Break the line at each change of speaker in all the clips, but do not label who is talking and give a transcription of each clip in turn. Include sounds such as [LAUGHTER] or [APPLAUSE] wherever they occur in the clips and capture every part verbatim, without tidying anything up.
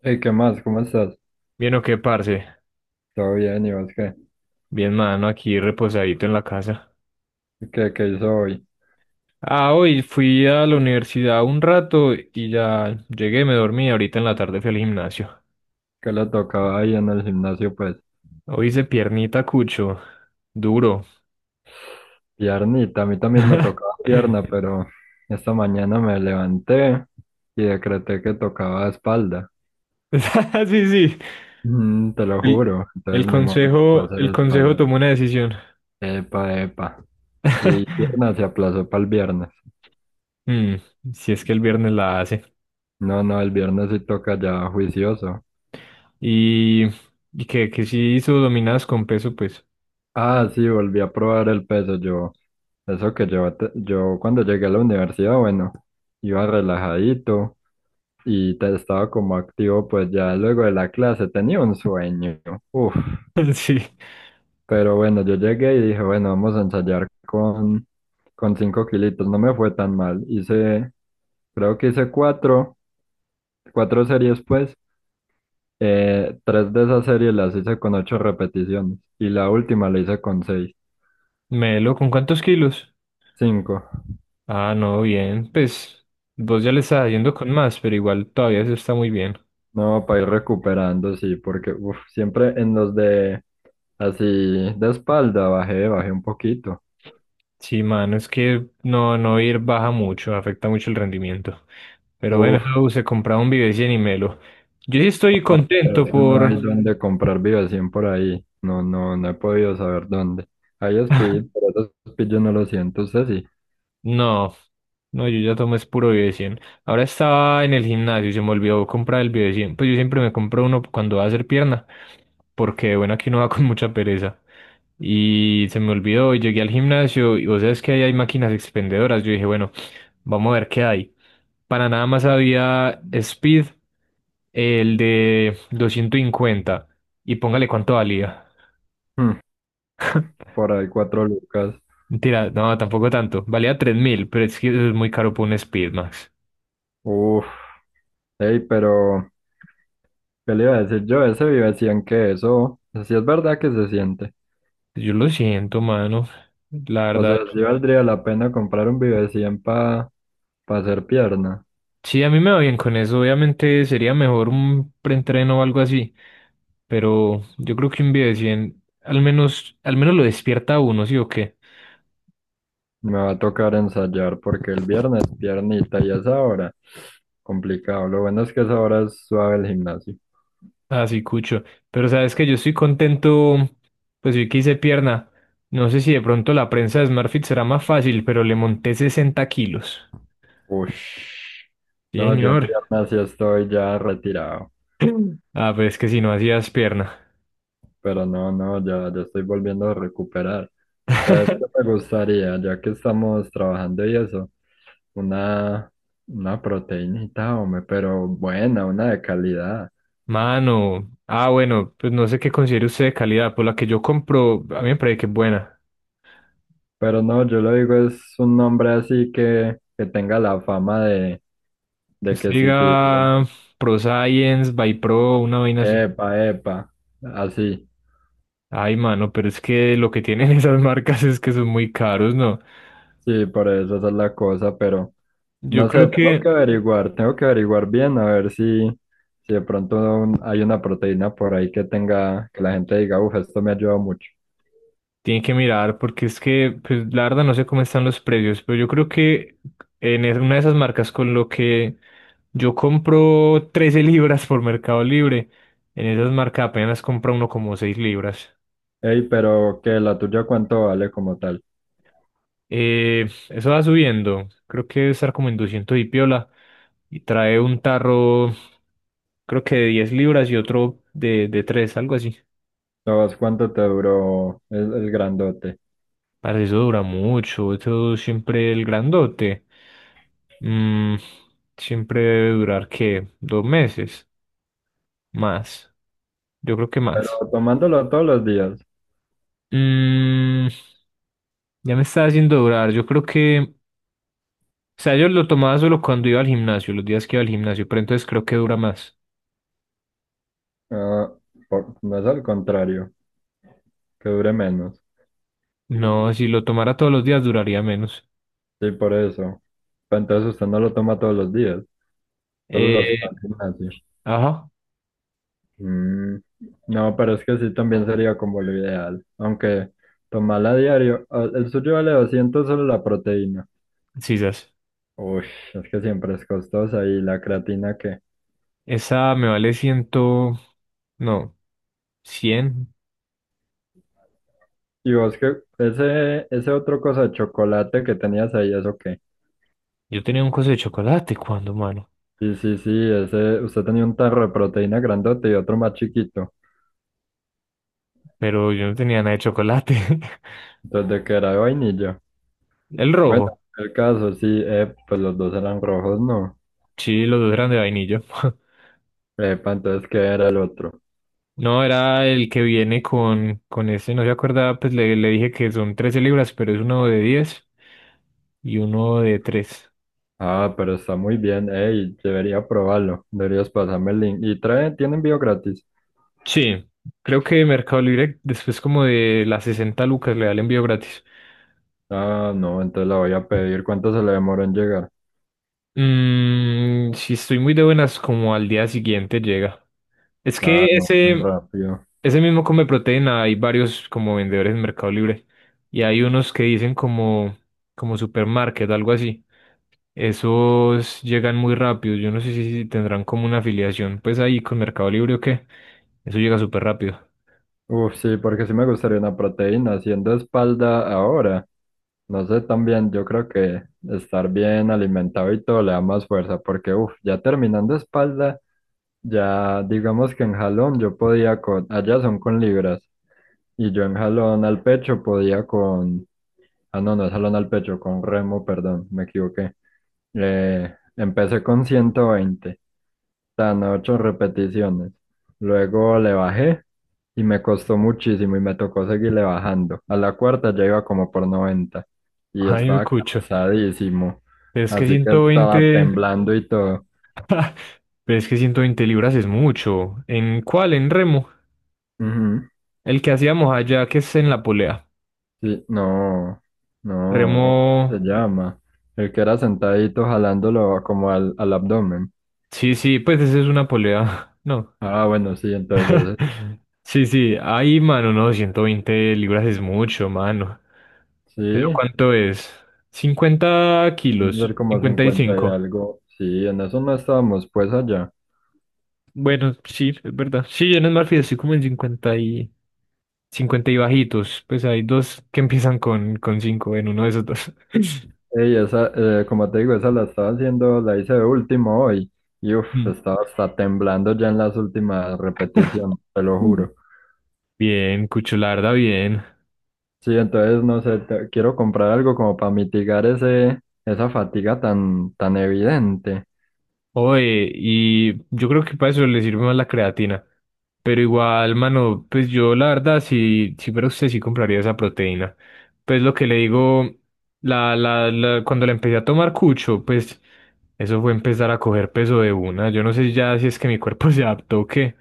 Hey, ¿qué más? ¿Cómo estás?
Bien o qué, parce.
¿Todo bien? ¿Y vos qué?
Bien, mano, aquí reposadito en la casa.
¿Qué, qué hizo hoy?
Ah, hoy fui a la universidad un rato y ya llegué, me dormí. Ahorita en la tarde fui al gimnasio.
¿Qué le tocaba ahí en el gimnasio? Pues
Hoy hice piernita cucho. Duro.
piernita, a mí también me tocaba
[LAUGHS]
pierna, pero esta mañana me levanté y decreté que tocaba espalda.
Sí, sí.
Mm, te lo
El,
juro,
el
entonces ni modo, tocó
consejo,
hacer
el consejo
espalda.
tomó una decisión.
Epa, epa. Y pierna se
[LAUGHS]
aplazó para el viernes.
Mm, si es que el viernes la hace.
No, no, el viernes sí toca ya juicioso.
Y, y que, que si hizo dominadas con peso, pues.
Ah, sí, volví a probar el peso yo. Eso que yo, te- yo cuando llegué a la universidad, bueno, iba relajadito y te- estaba como activo, pues ya luego de la clase tenía un sueño. Uf,
[LAUGHS] Sí.
pero bueno, yo llegué y dije, bueno, vamos a ensayar con, con cinco kilitos. No me fue tan mal. Hice, creo que hice cuatro, cuatro series, pues. Eh, tres de esas series las hice con ocho repeticiones y la última la hice con seis,
Melo, ¿con cuántos kilos?
cinco.
Ah, no, bien. Pues vos ya le estás yendo con más, pero igual todavía eso está muy bien.
No, para ir recuperando, sí, porque uf, siempre en los de así de espalda bajé, bajé un poquito.
Sí, mano, es que no, no ir baja mucho, afecta mucho el rendimiento. Pero bueno,
Uf,
eso se compraba un Vives y Melo. Yo sí estoy
pero
contento
es que no hay
por.
dónde comprar Vivacien por ahí. No, no, no he podido saber dónde. Hay Speed, pero esos Speed yo no lo siento, usted sí.
No, no, yo ya tomé es puro Bio de cien. Ahora estaba en el gimnasio y se me olvidó comprar el Bio de cien. Pues yo siempre me compro uno cuando va a hacer pierna, porque bueno, aquí uno va con mucha pereza. Y se me olvidó y llegué al gimnasio y vos sabes que ahí hay máquinas expendedoras. Yo dije, bueno, vamos a ver qué hay. Para nada más había Speed, el de doscientos cincuenta. Y póngale cuánto valía.
Mm,
[LAUGHS]
por ahí cuatro lucas.
Mentira, no, tampoco tanto. Valía tres mil, pero es que eso es muy caro por un Speed.
Uf, hey, pero ¿qué le iba a decir yo? Ese Vivacien que eso, si es verdad que se siente.
Yo lo siento, mano. La
O sea,
verdad,
sí valdría la pena comprar un Vivacien para hacer pierna.
sí, a mí me va bien con eso. Obviamente sería mejor un preentreno o algo así. Pero yo creo que un video de cien, al menos, al menos lo despierta a uno, ¿sí o qué?
Me va a tocar ensayar porque el viernes piernita y esa hora, complicado. Lo bueno es que esa hora es suave el gimnasio.
Así, cucho. Pero sabes que yo estoy contento, pues vi que hice pierna. No sé si de pronto la prensa de SmartFit será más fácil, pero le monté sesenta kilos.
Ush.
Sí,
No, yo en
señor. [CLEARS THROAT]
piernas sí estoy ya retirado,
[LAUGHS] Ah, pues es que si no hacías pierna.
pero no, no, ya, ya estoy volviendo a recuperar. ¿Sabes qué
[LAUGHS]
me gustaría? Ya que estamos trabajando y eso, una, una proteínita, hombre, pero buena, una de calidad.
Mano, ah, bueno, pues no sé qué considere usted de calidad, pues la que yo compro, a mí me parece que es buena.
Pero no, yo lo digo, es un nombre así que, que tenga la fama de,
Que
de
usted
que sí sirve.
diga Pro Science, By Pro, una vaina así.
Epa, epa, así,
Ay, mano, pero es que lo que tienen [LAUGHS] esas marcas es que son muy caros, ¿no?
sí, por eso esa es la cosa, pero
Yo
no sé,
creo
tengo
que
que averiguar, tengo que averiguar bien a ver si, si de pronto un- hay una proteína por ahí que tenga, que la gente diga, uff, esto me ayuda mucho.
tienen que mirar, porque es que, pues la verdad no sé cómo están los precios, pero yo creo que en es- una de esas marcas con lo que yo compro trece libras por Mercado Libre, en esas marcas apenas compra uno como seis libras.
Ey, pero que la tuya cuánto vale como tal.
Eh, eso va subiendo. Creo que debe estar como en doscientos y piola. Y trae un tarro, creo que de diez libras y otro de, de, tres, algo así.
¿Sabes cuánto te duró el, el grandote,
Para eso dura mucho. Eso siempre el grandote. Mm, siempre debe durar, ¿qué? Dos meses. Más. Yo creo que
pero
más.
tomándolo todos los días?
Mm, ya me está haciendo durar. Yo creo que. O sea, yo lo tomaba solo cuando iba al gimnasio, los días que iba al gimnasio, pero entonces creo que dura más.
Ah, por- no es al contrario, que dure menos,
No, si lo tomara todos los días duraría menos.
sí, por eso. Pero entonces usted no lo toma todos los días, solo los que va
Eh,
al gimnasio.
ajá,
Mm. No, pero es que sí también sería como lo ideal. Aunque tomarla a diario, ah, el suyo vale doscientos solo la proteína.
sisas.
Uy, es que siempre es costosa y la creatina que...
Esa me vale ciento, no, cien.
Y vos que ese, ese otro cosa de chocolate que tenías ahí, ¿eso qué?
Yo tenía un coso de chocolate cuando, mano,
Sí, sí, sí, ese, usted tenía un tarro de proteína grandote y otro más chiquito.
pero yo no tenía nada de chocolate.
Entonces, ¿de que era de vainilla?
[LAUGHS] El rojo,
Bueno, el caso, sí, eh, pues los dos eran rojos, no.
sí, los dos eran de vainillo. [LAUGHS]
Epa, entonces, ¿qué era el otro?
No, era el que viene con, con, ese, no se acordaba, pues le, le dije que son trece libras, pero es uno de diez y uno de tres.
Ah, pero está muy bien, ey, debería probarlo, deberías pasarme el link. ¿Y trae, tiene envío gratis?
Sí, creo que Mercado Libre después como de las sesenta lucas le da el envío gratis.
Ah, no, entonces la voy a pedir. ¿Cuánto se le demoró en llegar?
Mm, si estoy muy de buenas, como al día siguiente llega. Es
Ah,
que
no, muy
ese,
rápido.
ese mismo come proteína, hay varios como vendedores en Mercado Libre. Y hay unos que dicen como, como, supermarket, algo así. Esos llegan muy rápido. Yo no sé si, si tendrán como una afiliación, pues ahí con Mercado Libre o qué. Eso llega súper rápido.
Uf, sí, porque sí me gustaría una proteína. Haciendo espalda ahora, no sé, también yo creo que estar bien alimentado y todo le da más fuerza, porque uf, ya terminando espalda, ya digamos que en jalón yo podía con, allá son con libras, y yo en jalón al pecho podía con. Ah, no, no es jalón al pecho, con remo, perdón, me equivoqué. Eh, empecé con ciento veinte tan ocho repeticiones. Luego le bajé y me costó muchísimo y me tocó seguirle bajando. A la cuarta ya iba como por noventa
[LAUGHS]
y
Ay, me
estaba
cucho.
cansadísimo,
Pero es que
así que
ciento
estaba
veinte
temblando y todo.
pero es que ciento veinte libras es mucho. ¿En cuál? En remo.
Ujú.
El que hacíamos allá, que es en la polea.
Sí, no, no, ¿cómo se
Remo.
llama? El que era sentadito jalándolo como al, al abdomen.
Sí, sí, pues esa es una polea. [LAUGHS] No.
Ah, bueno, sí, entonces... ese.
Sí, sí. Ay, mano, no, ciento veinte libras es mucho, mano.
Sí.
¿Eso cuánto es? cincuenta
Deben ser
kilos.
como
cincuenta y
cincuenta y
cinco
algo. Sí, en eso no estábamos pues allá.
Bueno, sí, es verdad. Sí, yo en el Marfil estoy como en cincuenta y cincuenta y bajitos. Pues hay dos que empiezan con, con, cinco en uno de esos dos. [LAUGHS]
Ey, esa, eh, como te digo, esa la estaba haciendo, la hice de último hoy. Y uff, estaba hasta temblando ya en las últimas repeticiones, te lo
Mm.
juro.
Bien, Cucho, la verdad, bien.
Sí, entonces no sé, te- quiero comprar algo como para mitigar ese, esa fatiga tan, tan evidente.
Oye, y yo creo que para eso le sirve más la creatina. Pero igual, mano, pues yo la verdad, si, si fuera usted, sí compraría esa proteína. Pues lo que le digo, la, la, la- cuando la empecé a tomar cucho, pues eso fue empezar a coger peso de una. Yo no sé ya si es que mi cuerpo [LAUGHS] se adaptó o qué,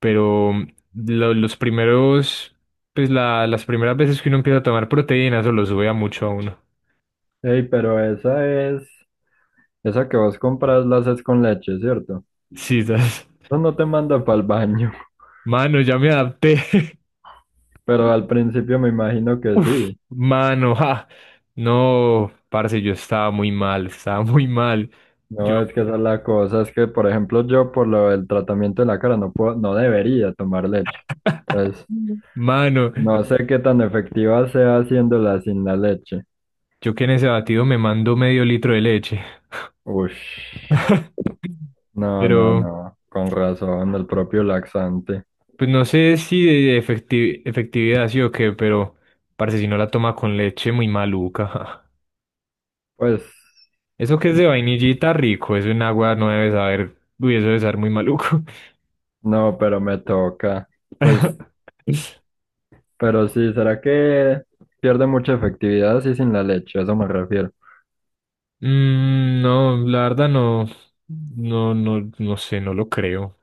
pero lo- los primeros, pues la, las primeras veces que uno empieza a tomar proteína, eso lo sube a mucho a uno.
Ey, pero esa es, esa que vos compras la haces con leche, ¿cierto?
[LAUGHS] Sí, ¿sabes?
Eso no te manda para el baño,
Mano, ya me adapté. [LAUGHS]
[LAUGHS] pero al principio me imagino que
Uf,
sí.
mano, [LAUGHS] ja. No, parce, yo estaba muy mal, estaba muy mal. Yo,
No, es que esa es la cosa, es que por ejemplo yo por lo del tratamiento de la cara no puedo, no debería tomar leche. Entonces,
Mm. mano,
no sé qué tan efectiva sea haciéndola sin la leche.
yo que en ese batido me mando medio litro de leche.
Ush,
[LAUGHS]
no, no,
Pero,
no, con razón, el propio laxante.
pues no sé si de efecti- efectividad sí o qué, pero parce, si no la toma con leche, muy maluca. Ja.
Pues,
Eso que es de vainillita rico, eso en agua no debe saber, uy, eso debe saber muy maluco.
no, pero me toca. Pues,
[LAUGHS]
pero sí, ¿será que pierde mucha efectividad así sin la leche? A eso me refiero.
Mm, no, la verdad no, no, no, no sé, no lo creo.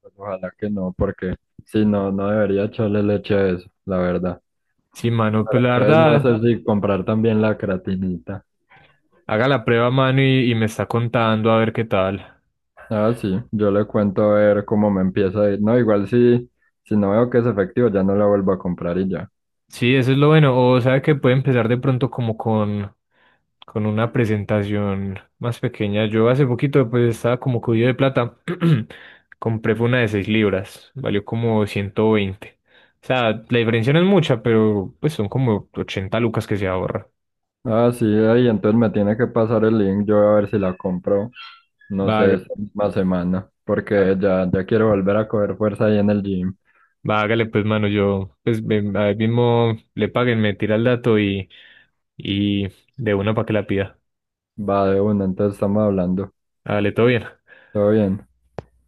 Pues, ojalá que no, porque si no, no debería echarle leche a eso, la verdad.
Sí, mano,
Pero
pues la
entonces no
verdad,
sé si comprar también la creatinita.
haga la prueba, mano, y, y me está contando a ver qué tal.
Ah, sí, yo le cuento a ver cómo me empieza a ir. No, igual si, si no veo que es efectivo, ya no la vuelvo a comprar y ya.
Sí, eso es lo bueno. O sabe que puede empezar de pronto como con, con, una presentación más pequeña. Yo hace poquito pues estaba como cubierto de plata. [CLEARS THROAT] Compré fue una de seis libras. Valió como ciento veinte. O sea, la diferencia no es mucha, pero pues son como ochenta lucas que se ahorra.
Ah, sí, ahí entonces me tiene que pasar el link, yo voy a ver si la compro, no
Va,
sé, esta misma semana, porque ya, ya quiero volver a coger fuerza ahí en el gym.
va Vágale, pues, mano, yo, pues, me- ahí mismo le paguen, me tira el dato y, y de una para que la pida.
Va de una, entonces estamos hablando.
Hágale, todo bien.
Todo bien.